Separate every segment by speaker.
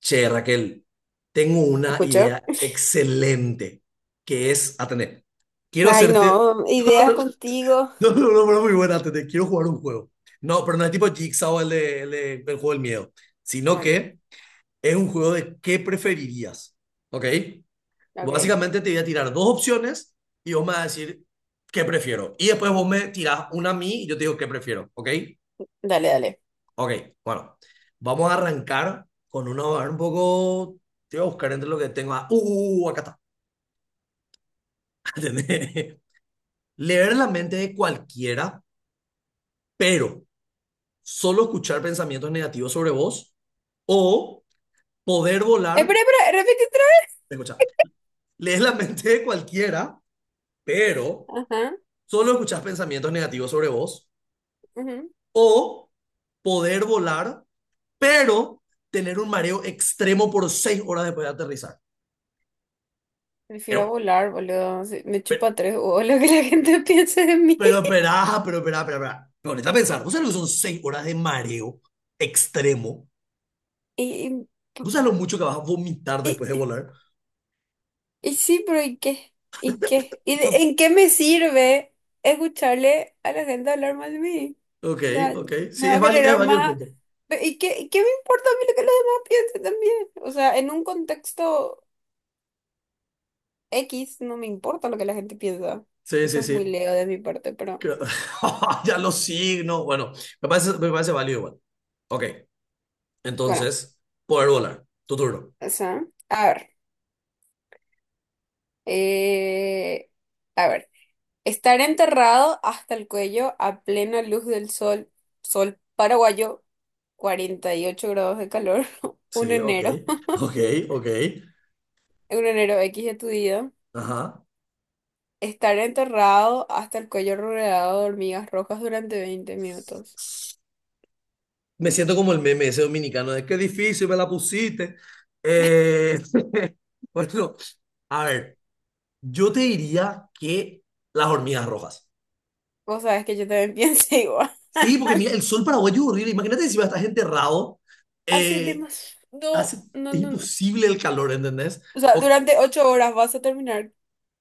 Speaker 1: Che, Raquel, tengo una
Speaker 2: ¿Escucho?
Speaker 1: idea excelente que es, atender. Quiero
Speaker 2: Ay,
Speaker 1: hacerte...
Speaker 2: no, ideas contigo.
Speaker 1: No, no, no, no, no, no, muy buena, atender. Quiero jugar un juego. No, pero no es tipo Jigsaw el juego del miedo, sino
Speaker 2: Bueno,
Speaker 1: que es un juego de qué preferirías, ¿ok?
Speaker 2: ok.
Speaker 1: Básicamente te voy a tirar dos opciones y vos me vas a decir qué prefiero. Y después vos me tirás una a mí y yo te digo qué prefiero, ¿ok?
Speaker 2: Dale, dale.
Speaker 1: Ok, bueno, vamos a arrancar con una hoja un poco. Te voy a buscar entre lo que tengo. Ah, acá está. ¿Entendés? Leer la mente de cualquiera, pero solo escuchar pensamientos negativos sobre vos o poder
Speaker 2: Espera,
Speaker 1: volar.
Speaker 2: espera, repite otra
Speaker 1: Escucha, lees la mente de cualquiera, pero
Speaker 2: vez. Ajá,
Speaker 1: solo escuchas pensamientos negativos sobre vos
Speaker 2: ujú.
Speaker 1: o poder volar, pero tener un mareo extremo por seis horas después de aterrizar.
Speaker 2: Prefiero
Speaker 1: Eh,
Speaker 2: volar, boludo. Sí, me
Speaker 1: pero,
Speaker 2: chupa tres huevos lo que la gente piense de mí.
Speaker 1: pero perá, pero perá, pero perá. Ponete a pensar, ¿vos sabés lo que son seis horas de mareo extremo?
Speaker 2: Y,
Speaker 1: ¿Vos sabés lo mucho que vas a vomitar
Speaker 2: y,
Speaker 1: después de
Speaker 2: y-
Speaker 1: volar?
Speaker 2: y sí, pero ¿y qué? ¿Y qué? ¿En qué me sirve escucharle a la gente hablar mal de mí?
Speaker 1: Ok,
Speaker 2: O sea,
Speaker 1: ok.
Speaker 2: me
Speaker 1: Sí,
Speaker 2: va a
Speaker 1: es
Speaker 2: generar
Speaker 1: válido el
Speaker 2: más...
Speaker 1: punto.
Speaker 2: Y qué me importa a mí lo que los demás piensen también? O sea, en un contexto... X, no me importa lo que la gente piensa.
Speaker 1: Sí,
Speaker 2: Eso
Speaker 1: sí,
Speaker 2: es muy
Speaker 1: sí.
Speaker 2: leo de mi parte, pero
Speaker 1: Que- ya los signos. Bueno, me parece válido igual. Ok,
Speaker 2: bueno,
Speaker 1: entonces, poder volar. Tu turno.
Speaker 2: o sea, a ver. eh, a ver. Estar enterrado hasta el cuello a plena luz del sol, sol paraguayo, 48 grados de calor, un
Speaker 1: Sí, ok,
Speaker 2: enero,
Speaker 1: ok, ok.
Speaker 2: un enero X de tu vida.
Speaker 1: Ajá.
Speaker 2: Estar enterrado hasta el cuello rodeado de hormigas rojas durante 20 minutos.
Speaker 1: Me siento como el meme ese dominicano de qué difícil me la pusiste. Eh, bueno, a ver. Yo te diría que las hormigas rojas.
Speaker 2: Vos sabés que yo también pienso igual.
Speaker 1: Sí, porque mira, el sol paraguayo es horrible. Imagínate si va a estar enterrado.
Speaker 2: Hace
Speaker 1: eh,
Speaker 2: demasiado. No,
Speaker 1: hace,
Speaker 2: no,
Speaker 1: es
Speaker 2: no. No.
Speaker 1: imposible el calor, ¿entendés?
Speaker 2: O sea,
Speaker 1: O-
Speaker 2: durante 8 horas vas a terminar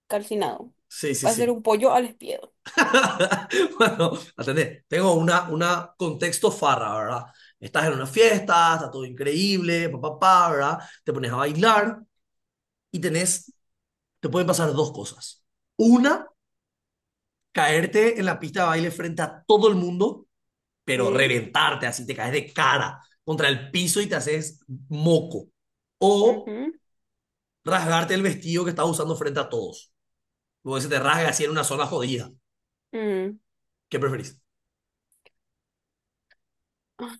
Speaker 2: calcinado.
Speaker 1: sí, sí,
Speaker 2: Va a ser
Speaker 1: sí.
Speaker 2: un pollo al espiedo.
Speaker 1: Bueno, atendé. Tengo una contexto farra, ¿verdad? Estás en una fiesta, está todo increíble, papá, pa, pa, pa, ¿verdad? Te pones a bailar y tenés, te pueden pasar dos cosas. Una, caerte en la pista de baile frente a todo el mundo pero
Speaker 2: Sí.
Speaker 1: reventarte, así te caes de cara contra el piso y te haces moco. O
Speaker 2: Ujú.
Speaker 1: rasgarte el vestido que estabas usando frente a todos. Luego se te rasga así en una zona jodida.
Speaker 2: Mm.
Speaker 1: ¿Qué preferís?
Speaker 2: Ah,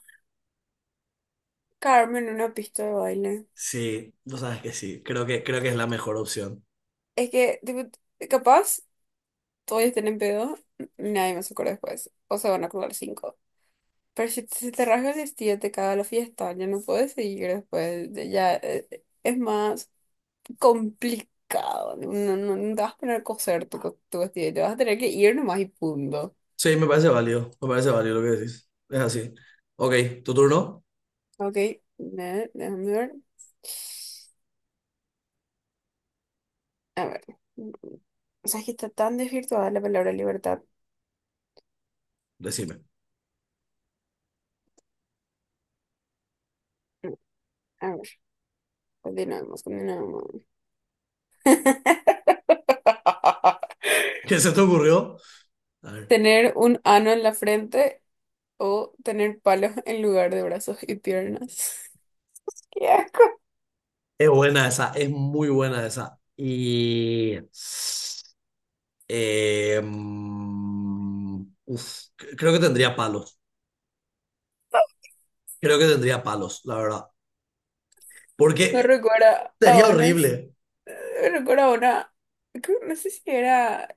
Speaker 2: Carmen, una pista de baile.
Speaker 1: Sí, tú sabes que sí. Creo que es la mejor opción.
Speaker 2: Es que, tipo, capaz, todos estén en pedo, nadie más se acuerda después. O se van a acordar cinco. Pero si se te rasga el vestido, te caga la fiesta, ya no puedes seguir después. Ya es más complicado. No, no, no te vas a poner a coser tu vestido, te vas a tener que ir nomás y punto.
Speaker 1: Sí, me parece válido lo que decís. Es así. Ok, tu turno,
Speaker 2: Ok, déjame ver. A ver, mm, o sea, es que está tan desvirtuada la palabra libertad.
Speaker 1: decime.
Speaker 2: Mm, A ver, continuemos.
Speaker 1: ¿Qué se te ocurrió? A ver,
Speaker 2: Tener un ano en la frente o tener palos en lugar de brazos y piernas. ¡Qué asco!
Speaker 1: es buena esa, es muy buena esa. Y... Eh, mm, uf, creo que tendría palos. Creo que tendría palos, la verdad.
Speaker 2: Me
Speaker 1: Porque
Speaker 2: recuerda a
Speaker 1: sería horrible.
Speaker 2: unas, me recuerda a una, no sé si era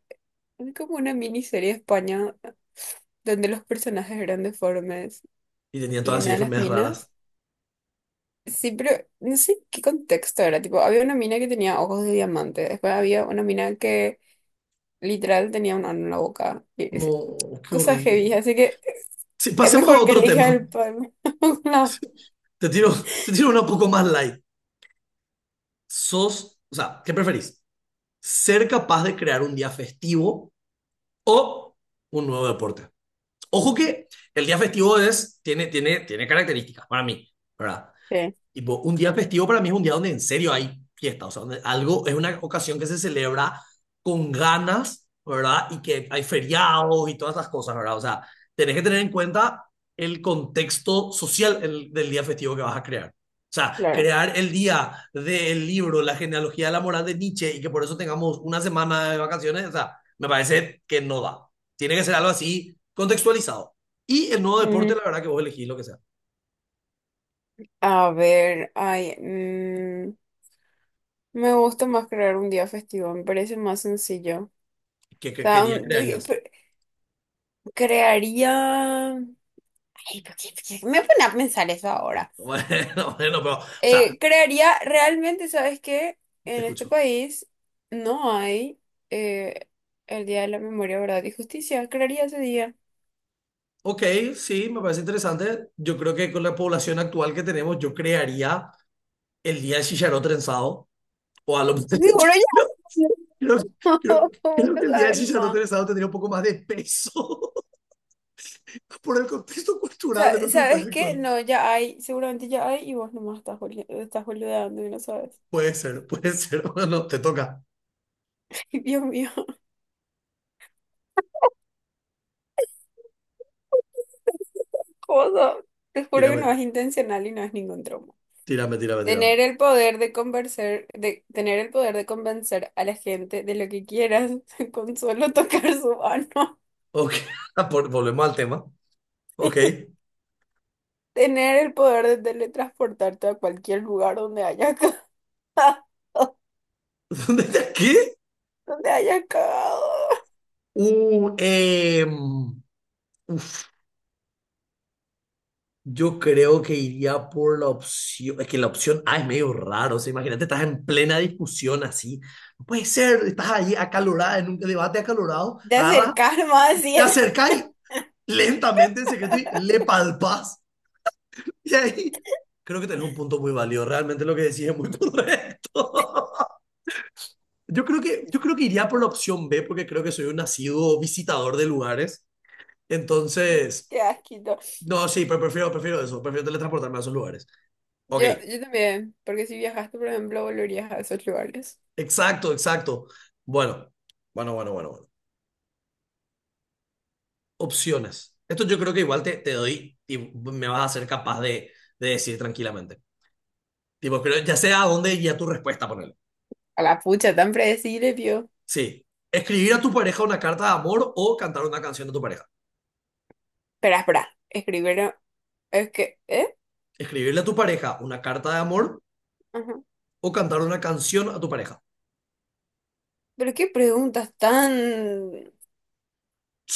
Speaker 2: como una miniserie de España donde los personajes eran deformes
Speaker 1: Y tenía
Speaker 2: y
Speaker 1: todas así
Speaker 2: una de las
Speaker 1: enfermedades
Speaker 2: minas
Speaker 1: raras.
Speaker 2: sí, pero no sé qué contexto era. Tipo, había una mina que tenía ojos de diamante. Después había una mina que literal tenía un ano en la boca. Y sí,
Speaker 1: No, qué
Speaker 2: cosas
Speaker 1: horrible.
Speaker 2: heavy. Así que
Speaker 1: Sí,
Speaker 2: es
Speaker 1: pasemos a
Speaker 2: mejor que
Speaker 1: otro
Speaker 2: elija
Speaker 1: tema.
Speaker 2: el pan. No.
Speaker 1: Te tiro, te tiro una poco más light. Sos, o sea, ¿qué preferís? ¿Ser capaz de crear un día festivo o un nuevo deporte? Ojo que el día festivo es, tiene características para mí, ¿verdad?
Speaker 2: Sí,
Speaker 1: Tipo, un día festivo para mí es un día donde en serio hay fiesta, o sea, donde algo es una ocasión que se celebra con ganas, ¿verdad? Y que hay feriados y todas esas cosas, ¿verdad? O sea, tenés que tener en cuenta el contexto social del día festivo que vas a crear. O sea,
Speaker 2: claro.
Speaker 1: crear el día del libro, la genealogía de la moral de Nietzsche y que por eso tengamos una semana de vacaciones, o sea, me parece que no da. Tiene que ser algo así contextualizado. Y el nuevo
Speaker 2: Ujú.
Speaker 1: deporte, la verdad que vos elegís lo que sea.
Speaker 2: A ver, ay, me gusta más crear un día festivo. Me parece más sencillo.
Speaker 1: ¿Qué,
Speaker 2: O
Speaker 1: qué, qué
Speaker 2: sea,
Speaker 1: día crearías?
Speaker 2: crearía. Ay, ¿por qué me pone a pensar eso ahora?
Speaker 1: Bueno, bueno, pero, o sea,
Speaker 2: Crearía, realmente, ¿sabes qué?
Speaker 1: te
Speaker 2: En este
Speaker 1: escucho.
Speaker 2: país no hay eh, el Día de la Memoria, Verdad y Justicia. Crearía ese día.
Speaker 1: Ok, sí, me parece interesante. Yo creo que con la población actual que tenemos, yo crearía el día del chicharrón trenzado, o a lo mejor
Speaker 2: Seguro ya
Speaker 1: creo,
Speaker 2: hay.
Speaker 1: creo-
Speaker 2: No,
Speaker 1: creo que el día del
Speaker 2: sabes
Speaker 1: chicharrón
Speaker 2: nomás.
Speaker 1: trenzado tendría un poco más de peso por el contexto cultural de nuestro país
Speaker 2: ¿Sabes qué?
Speaker 1: actual.
Speaker 2: No, ya hay, seguramente ya hay y vos nomás estás, estás boludeando y no sabes.
Speaker 1: Puede ser, puede ser. Bueno, te toca.
Speaker 2: Dios mío, ¿cómo sos? Te juro que
Speaker 1: Tírame,
Speaker 2: no es intencional y no es ningún trauma.
Speaker 1: tírame, tírame, tírame.
Speaker 2: Tener el poder de convencer, de tener el poder de convencer a la gente de lo que quieras con solo tocar su mano.
Speaker 1: Ok, por- volvemos al tema. Ok.
Speaker 2: Tener el poder de teletransportarte a cualquier lugar donde hayas cagado.
Speaker 1: ¿Dónde está? ¿Qué?
Speaker 2: Donde hayas cagado.
Speaker 1: Uh, eh, Yo creo que iría por la opción, es que la opción A es medio raro, o sea, imagínate, estás en plena discusión así, no puede ser, estás ahí acalorada, en un debate acalorado,
Speaker 2: De
Speaker 1: agarras,
Speaker 2: acercar más así.
Speaker 1: te acercás y lentamente en secreto y le palpas, y ahí creo que tenés un punto muy válido, realmente lo que decís es muy correcto. Yo creo que iría por la opción B, porque creo que soy un nacido visitador de lugares, entonces,
Speaker 2: Qué asquito.
Speaker 1: no, sí, pero prefiero, prefiero eso, prefiero teletransportarme a esos lugares. Ok.
Speaker 2: Yo también. Porque si viajaste, por ejemplo, volverías a esos lugares.
Speaker 1: Exacto, exacto. Bueno, bueno, bueno, bueno, bueno. Opciones. Esto yo creo que igual te, te doy y me vas a ser capaz de decir tranquilamente. Tipo, creo, ya sea a dónde guía tu respuesta, ponele.
Speaker 2: A la pucha, tan predecible, vio.
Speaker 1: Sí. Escribir a tu pareja una carta de amor o cantar una canción a tu pareja.
Speaker 2: Espera, espera. Escribieron. Es que. ¿Eh?
Speaker 1: Escribirle a tu pareja una carta de amor
Speaker 2: Ajá.
Speaker 1: o cantar una canción a tu pareja.
Speaker 2: Pero qué preguntas tan.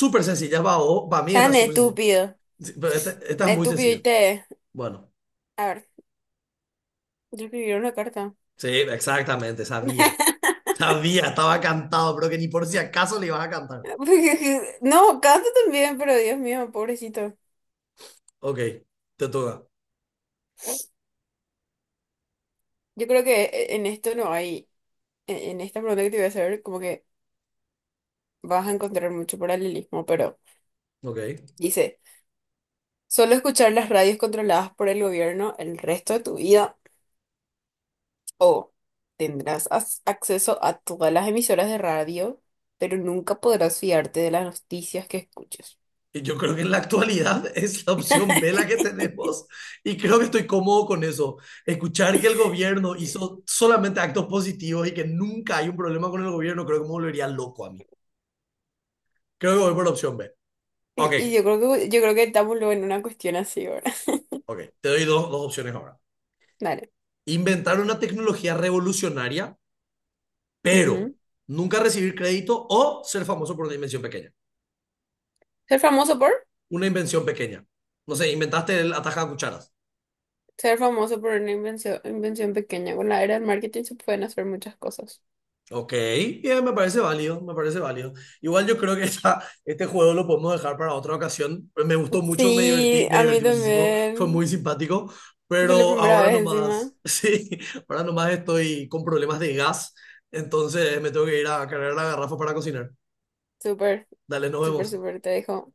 Speaker 1: Súper sencilla, va, o- para mí está
Speaker 2: Tan
Speaker 1: súper sencilla.
Speaker 2: estúpido.
Speaker 1: Sí, pero esta es muy
Speaker 2: Estúpido y
Speaker 1: sencilla.
Speaker 2: te.
Speaker 1: Bueno,
Speaker 2: A ver. Yo escribí una carta.
Speaker 1: sí, exactamente, sabía. Sabía, estaba cantado, pero que ni por si acaso le ibas a cantar.
Speaker 2: No, canta también, pero Dios mío, pobrecito.
Speaker 1: Ok, te toca.
Speaker 2: Yo creo que en esto no hay, en esta pregunta que te voy a hacer, como que vas a encontrar mucho paralelismo, pero
Speaker 1: Ok.
Speaker 2: dice, solo escuchar las radios controladas por el gobierno el resto de tu vida o tendrás acceso a todas las emisoras de radio, pero nunca podrás fiarte de las noticias que escuches.
Speaker 1: Y yo creo que en la actualidad es la opción B la que tenemos y creo que estoy cómodo con eso. Escuchar que el gobierno hizo solamente actos positivos y que nunca hay un problema con el gobierno, creo que me volvería loco a mí. Creo que voy por la opción B. Ok,
Speaker 2: Y yo creo que estamos luego en una cuestión así, ahora
Speaker 1: ok. Te doy dos opciones ahora.
Speaker 2: dale.
Speaker 1: Inventar una tecnología revolucionaria, pero
Speaker 2: Ujú.
Speaker 1: nunca recibir crédito o ser famoso por una invención pequeña.
Speaker 2: Ser famoso por...
Speaker 1: Una invención pequeña. No sé, inventaste el ataja de cucharas.
Speaker 2: Ser famoso por una invención, invención pequeña. Con la era del marketing se pueden hacer muchas cosas.
Speaker 1: Ok, bien, me parece válido, me parece válido. Igual yo creo que esta- este juego lo podemos dejar para otra ocasión. Me gustó mucho,
Speaker 2: Sí,
Speaker 1: me
Speaker 2: a mí
Speaker 1: divertí muchísimo, fue
Speaker 2: también.
Speaker 1: muy simpático,
Speaker 2: Fue la
Speaker 1: pero
Speaker 2: primera
Speaker 1: ahora
Speaker 2: vez encima.
Speaker 1: nomás, sí, ahora nomás estoy con problemas de gas, entonces me tengo que ir a cargar la garrafa para cocinar.
Speaker 2: Súper,
Speaker 1: Dale, nos
Speaker 2: súper,
Speaker 1: vemos.
Speaker 2: súper. Te dejo.